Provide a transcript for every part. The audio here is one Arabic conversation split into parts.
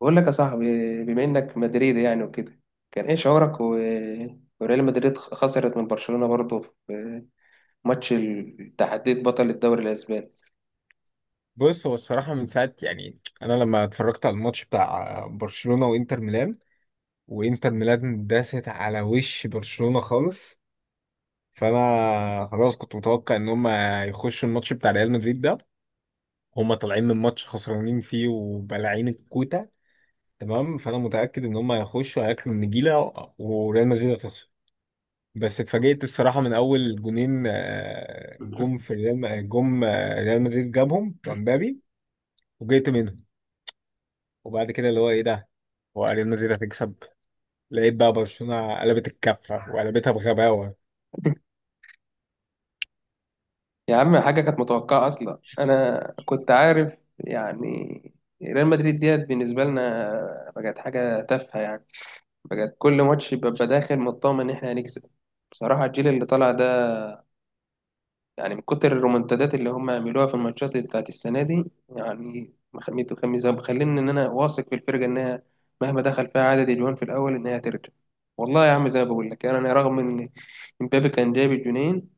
بقول لك يا صاحبي، بما انك مدريدي يعني وكده، كان ايه شعورك وريال مدريد خسرت من برشلونة برضه في ماتش تحديد بطل الدوري الاسباني. بص هو الصراحة من ساعة يعني، أنا لما اتفرجت على الماتش بتاع برشلونة وإنتر ميلان داست على وش برشلونة خالص. فأنا خلاص كنت متوقع إن هما يخشوا الماتش بتاع ريال مدريد ده، هما طالعين من ماتش خسرانين فيه وبلاعين الكوتة. تمام، فأنا متأكد إن هما هيخشوا هياكلوا النجيلة وريال مدريد هتخسر. بس اتفاجئت الصراحة من أول جونين جم في ريال، جم ريال مدريد جابهم بتوع مبابي وجيت منهم. وبعد كده اللي هو ايه ده، هو ريال مدريد هتكسب. لقيت بقى برشلونة قلبت الكفة وقلبتها بغباوة. يا عم حاجة كانت متوقعة اصلا، انا كنت عارف يعني. ريال مدريد ديت بالنسبة لنا بقت حاجة تافهة يعني، بقت كل ماتش ببقى داخل مطمن ان احنا هنكسب. بصراحة الجيل اللي طالع ده يعني من كتر الرومنتادات اللي هم عملوها في الماتشات بتاعت السنة دي، يعني مخميت وخميس مخليني إن أنا واثق في الفرقة إنها مهما دخل فيها عدد الجوان في الأول إنها ترجع. والله يا عم زي ما بقول لك يعني، أنا رغم إن إمبابي كان جايب الجونين،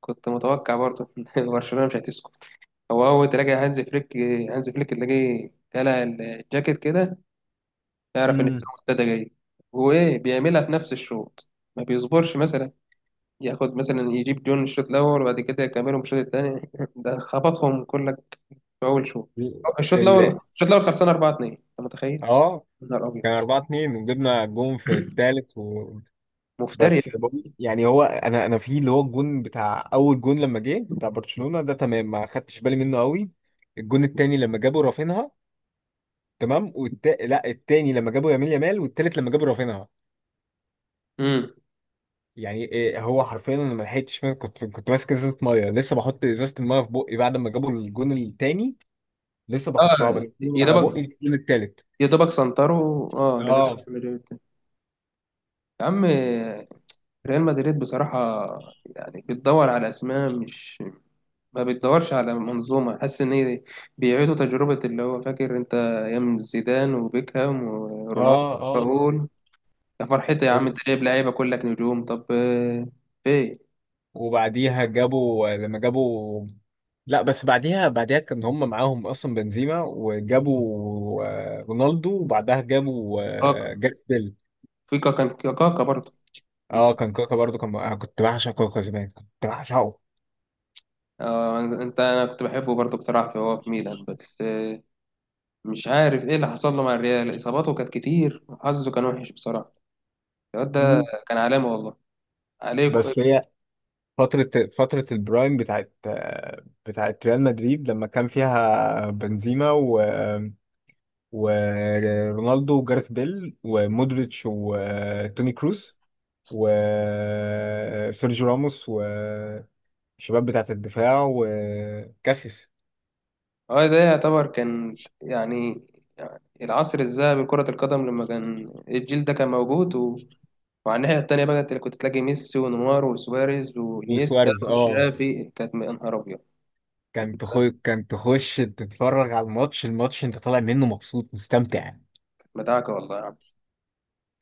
كنت متوقع برضه إن برشلونة مش هتسكت. هو أول تلاقي هانز فليك، هانز فليك تلاقيه قلع الجاكيت كده، يعرف إن امم الرومنتادا جاية. وإيه بيعملها في نفس الشوط، ما بيصبرش مثلا ياخد مثلا يجيب جون الشوط الاول وبعد كده يكملهم الشوط الثاني. ده خبطهم كلك في اول شوط. الشوط ال... الاول، الشوط الاول خلصان 4-2، انت متخيل؟ اه، يا نهار ابيض، كان 4-2 وجبنا جون في الثالث مفتري. يعني هو، انا في اللي هو الجون بتاع، اول جون لما جه بتاع برشلونة ده، تمام، ما خدتش بالي منه قوي. الجون الثاني لما جابوا رافينها، تمام، لا، الثاني لما جابوا يامال، والثالث لما جابوا رافينها. امم. يعني إيه، هو حرفيا انا ما لحقتش ماسك- كنت ماسك ازازه ميه، لسه بحط ازازه الميه في بقي بعد ما جابوا الجون التاني، لسه بحطها اه، بنقل من يا على دوبك، بقي الجون التالت. يا دوبك سنتروا اه لقيت ريال اه. مدريد تاني. يا عم ريال مدريد بصراحه يعني بتدور على اسماء، مش ما بتدورش على منظومه. حاسس ان هي بيعيدوا تجربه اللي هو فاكر انت ايام زيدان وبيكهام ورونالدو اه. اه. وراؤول. يا فرحتي يا عم، و- انت جايب لعيبه كلك نجوم طب في إيه؟ وبعديها لما جابوا، لا، بس بعديها، كان هم معاهم اصلا بنزيما، وجابوا رونالدو، وبعدها جابوا كاكا، جاريث بيل. في كاكا برضه اه، يمكن. كان كوكا برضو، كان انا كنت بعشق كوكا زمان، كنت بعشقه. آه انت انا كنت بحبه برضه بصراحه، هو في ميلان بس. مش عارف ايه اللي حصل له مع الريال، اصاباته كانت كتير وحظه كان وحش بصراحه الواد ده. مم. كان علامه والله عليك. بس هي فترة فترة البرايم بتاعت ريال مدريد، لما كان فيها بنزيما، و ورونالدو وجارث بيل ومودريتش وتوني كروس وسيرجيو راموس، والشباب بتاعت الدفاع، وكاسيس اه ده يعتبر كان يعني العصر الذهبي لكرة القدم لما كان الجيل ده كان موجود وعلى الناحية التانية بقى انت كنت تلاقي ميسي ونيمار وسواريز وانيستا وسواريز. اه، وتشافي. كانت يا نهار أبيض. كان تخش تتفرج على الماتش، انت طالع منه مبسوط مستمتع. مدعكة والله يا عم.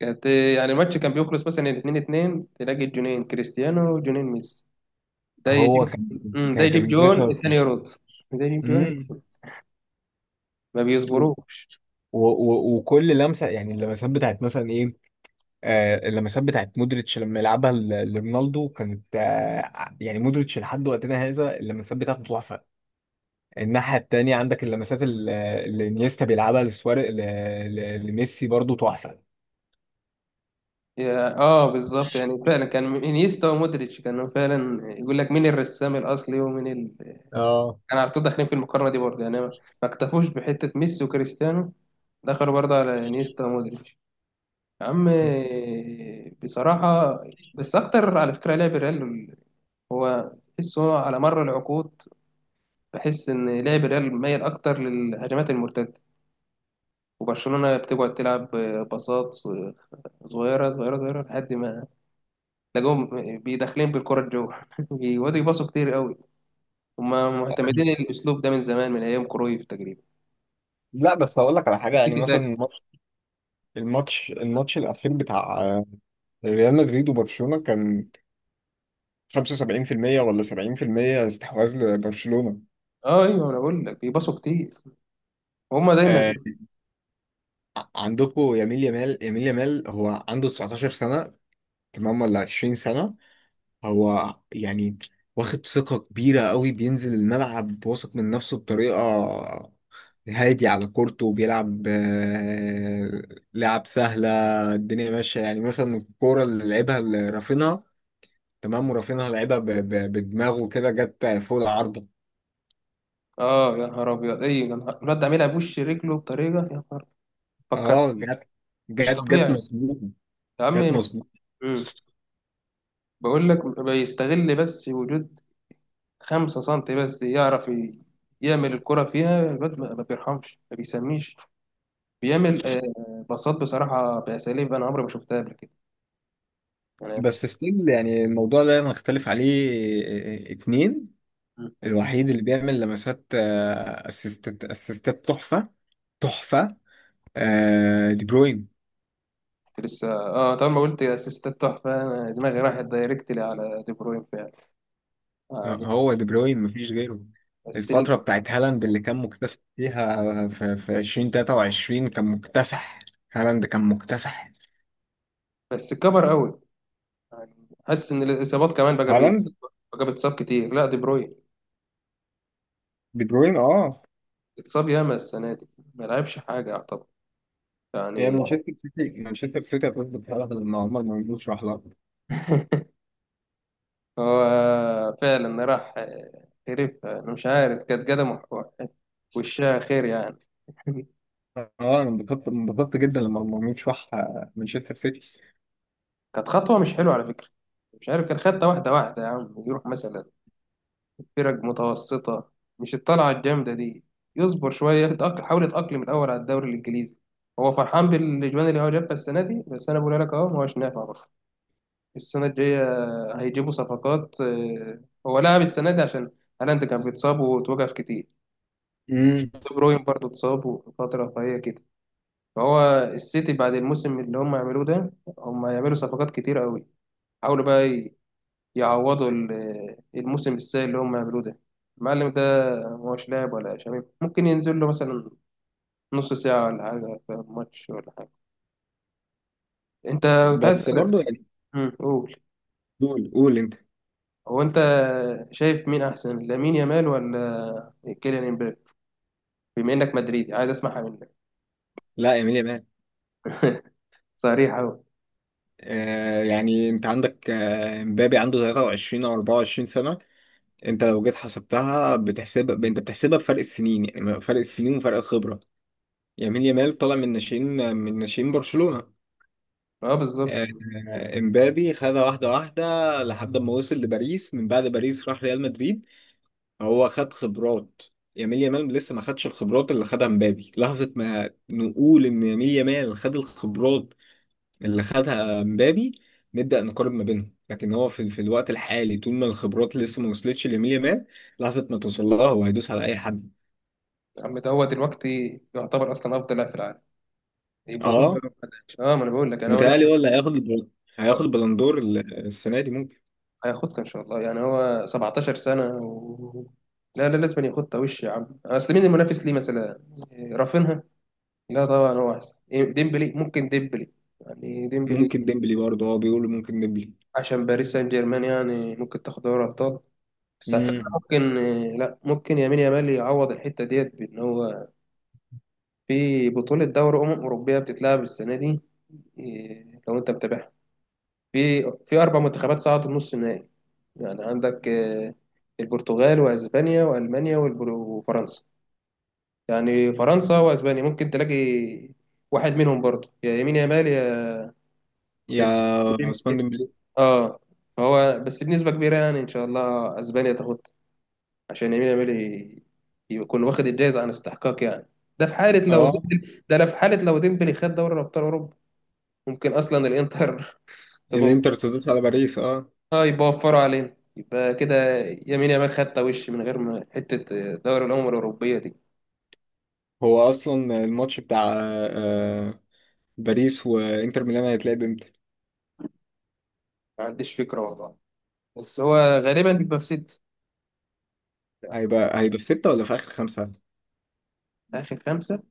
كانت يعني الماتش كان بيخلص مثلا 2-2، تلاقي الجونين كريستيانو وجونين ميسي. ده هو يجيب، كان ده كانت يجيب الماتش جون الثاني يرد، ده يجيب جون التاني. ما بيصبروش. و و وكل لمسه، يعني اللمسات بتاعت مثلا ايه، آه، اللمسات بتاعت مودريتش لما يلعبها لرونالدو كانت آه، يعني مودريتش لحد وقتنا هذا اللمسات بتاعته تحفه. الناحيه التانيه عندك اللمسات اللي انيستا بيلعبها لسواري، لميسي برضو تحفه. اه بالظبط، يعني فعلا كان انيستا ومودريتش كانوا فعلا يقول لك مين الرسام الاصلي ومين اه. كان على طول داخلين في المقارنه دي برضه، يعني ما اكتفوش بحته ميسي وكريستيانو، دخلوا برضه على انيستا ومودريتش. يا عم بصراحه، بس اكتر على فكره لعب الريال، هو تحس هو على مر العقود بحس إن لعب الريال ميل أكتر للهجمات المرتدة. وبرشلونة بتقعد تلعب باصات صغيرة صغيرة صغيرة لحد ما تلاقيهم بيدخلين بالكرة الجو. بيقعدوا يباصوا كتير قوي، هما معتمدين الأسلوب ده من زمان من أيام كرويف تقريبا. لا، بس هقول لك على حاجه، يعني التيكي مثلا تاكا. الماتش الماتش الاخير بتاع ريال مدريد وبرشلونة كان 75% ولا 70% استحواذ لبرشلونة. اه ايوه، انا بقول لك بيباصوا كتير، هما دايما. آه، عندكم يميل يمال، هو عنده 19 سنة، تمام، ولا 20 سنة. هو يعني واخد ثقة كبيرة قوي، بينزل الملعب واثق من نفسه بطريقة هادي على كورته، وبيلعب لعب سهلة، الدنيا ماشية. يعني مثلا الكورة اللي لعبها لرافينها، تمام، ورافينها لعبها بدماغه كده، جت فوق العارضة. اه يا نهار ابيض، اي يا نهار، الواد ده عاملها بوش رجله بطريقه. يا نهار، فكرت اه، جت، مش جت طبيعي. مظبوط، يا عم جت مظبوط. مم. بقول لك بيستغل بس وجود خمسة سنتي، بس يعرف يعمل الكرة فيها. الواد ما بيرحمش، ما بيسميش، بيعمل باصات بصراحة بأساليب أنا عمري ما شفتها قبل كده. أنا بس ستيل يعني الموضوع ده نختلف عليه. اتنين، مم. الوحيد اللي بيعمل لمسات، اسيستات تحفة، تحفة، دي بروين. كنت لسه اه طبعا، ما قلت اسيستات تحفة أنا دماغي راحت دايركتلي على دي بروين فعلا يعني. هو دي بروين مفيش غيره. بس الفترة بتاعت هالاند اللي كان مكتسح فيها، في 2023 كان مكتسح، هالاند كان مكتسح. بس كبر قوي يعني، حاسس إن الإصابات كمان بقى هالاند، بقى بيتصاب كتير. لا دي بروين دي بروين، اه. اتصاب ياما السنة دي، ما لعبش حاجة يعتبر هي يعني. مانشستر سيتي هتظبط هالاند لما عمر مرموش راح لها. هو فعلا راح، هرب. أنا مش عارف كانت قدمه وشها خير يعني. اه، انا انبسطت جدا لما مرموش راح مانشستر سيتي. كانت خطوة مش حلوة على فكرة. مش عارف، كان خدها واحدة واحدة يا عم، يروح مثلا فرق متوسطة، مش الطلعة الجامدة دي. يصبر شوية يتأقلم، حاول يتأقلم الأول على الدوري الإنجليزي. هو فرحان بالإجوان اللي هو جابها السنة دي، بس أنا بقول لك أهو ما هوش نافع برضه. السنة الجاية هيجيبوا صفقات. هو لعب السنة دي عشان هالاند كان بيتصاب وتوقف كتير. امم دي بروين برضه اتصاب وفترة فهي كده. فهو السيتي بعد الموسم اللي هم يعملوه ده، هم يعملوا صفقات كتير قوي، حاولوا بقى يعوضوا الموسم السيء اللي هم يعملوه ده. المعلم ده مش لاعب ولا شباب، ممكن ينزل له مثلا نص ساعة ولا حاجة في ماتش ولا حاجة. انت، كنت عايز بس برضو اسألك. يعني. قول. قول، قول انت. هو انت شايف مين احسن، لامين يامال ولا كيليان امبابي؟ بما انك مدريدي عايز اسمعها منك. لا، يميل يامال. صريح قوي. آه يعني انت عندك مبابي عنده 23 او 24 سنه، انت لو جيت حسبتها بتحسب، انت بتحسبها بفرق السنين، يعني فرق السنين وفرق الخبره. يميل يامال طالع من ناشئين، من ناشئين برشلونه. اه بالظبط. آه، امبابي خدها واحده واحده لحد ما وصل لباريس، من بعد باريس راح ريال مدريد، هو خد خبرات. يميل يامال لسه ما خدش الخبرات اللي خدها مبابي. لحظة ما نقول إن يميل يامال خد الخبرات اللي خدها مبابي، نبدأ نقارن ما بينهم. لكن هو في الوقت الحالي، طول ما الخبرات لسه ما وصلتش لمية مان، لحظة ما توصل لها، هو هيدوس على أي حد. يا عم دوت الوقت يعتبر اصلا افضل لاعب في العالم، يبسطوا له اه، لو ما لعبش. اه ما انا بقول لك انا، هو لسه متهيألي هو اللي هياخد البلندور السنة دي، ممكن، هياخدها ان شاء الله يعني، هو 17 سنه لا لا، لازم ياخدها وش يا عم. اصل مين المنافس ليه؟ مثلا رافينها؟ لا طبعا هو احسن. ديمبلي ممكن، ديمبلي يعني، ديمبلي ممكن ديمبلي برضه. اه، بيقولوا ممكن ديمبلي. عشان باريس سان جيرمان، يعني ممكن تاخد دوري ابطال. بس على فكره امم، ممكن لا، ممكن يمين يامال يعوض الحته ديت بان هو في بطوله دوري اوروبيه بتتلعب السنه دي. لو انت متابعها، في في اربع منتخبات صعدت نص النهائي. يعني عندك البرتغال واسبانيا والمانيا وفرنسا. يعني فرنسا واسبانيا، ممكن تلاقي واحد منهم برضه، يا يمين يا يامال يا يا يا ديمبلي. عثمان ديمبلي. اه، هو بس بنسبة كبيرة يعني، ان شاء الله اسبانيا تاخد، عشان يمين يامال يكون واخد الجايزة عن استحقاق يعني. ده في حالة لو اه، ديمبلي ده، لا في حالة لو ديمبلي خد دوري ابطال اوروبا. ممكن اصلا الانتر تقوم. الانتر تدوس على باريس، اه. اه يبقى وفروا علينا، يبقى كده يمين يامال خدت وش من غير ما حتة دوري الأمم الأوروبية دي. هو اصلا الماتش بتاع آه باريس وانتر ميلان هيتلعب امتى؟ ما عنديش فكرة والله، بس هو غالبا بيبقى في ست. هيبقى في ستة ولا في آخر خمسة؟ آخر خمسة.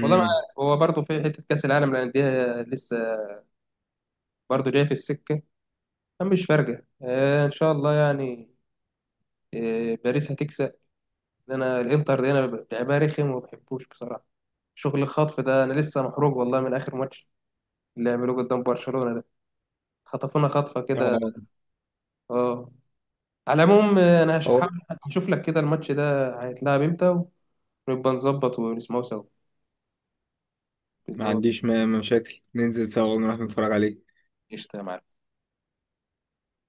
والله ما عارف. هو برضه في حتة كأس العالم للأندية لسه برضه جاي في السكة. مش فارقة، آه إن شاء الله يعني، آه باريس هتكسب. لأن أنا الإنتر دي أنا لعبها رخم وما بحبوش بصراحة. شغل الخطف ده أنا لسه محروق والله من آخر ماتش اللي عملوه قدام برشلونة ده، خطفونا خطفة كده. اه، اه، على العموم انا هشوف لك كده الماتش ده هيتلعب امتى، ونبقى نظبط ونسمعه سوا اللي ما هو. عنديش مشاكل، ننزل سوا ونروح نتفرج عليه. قشطة يا معلم.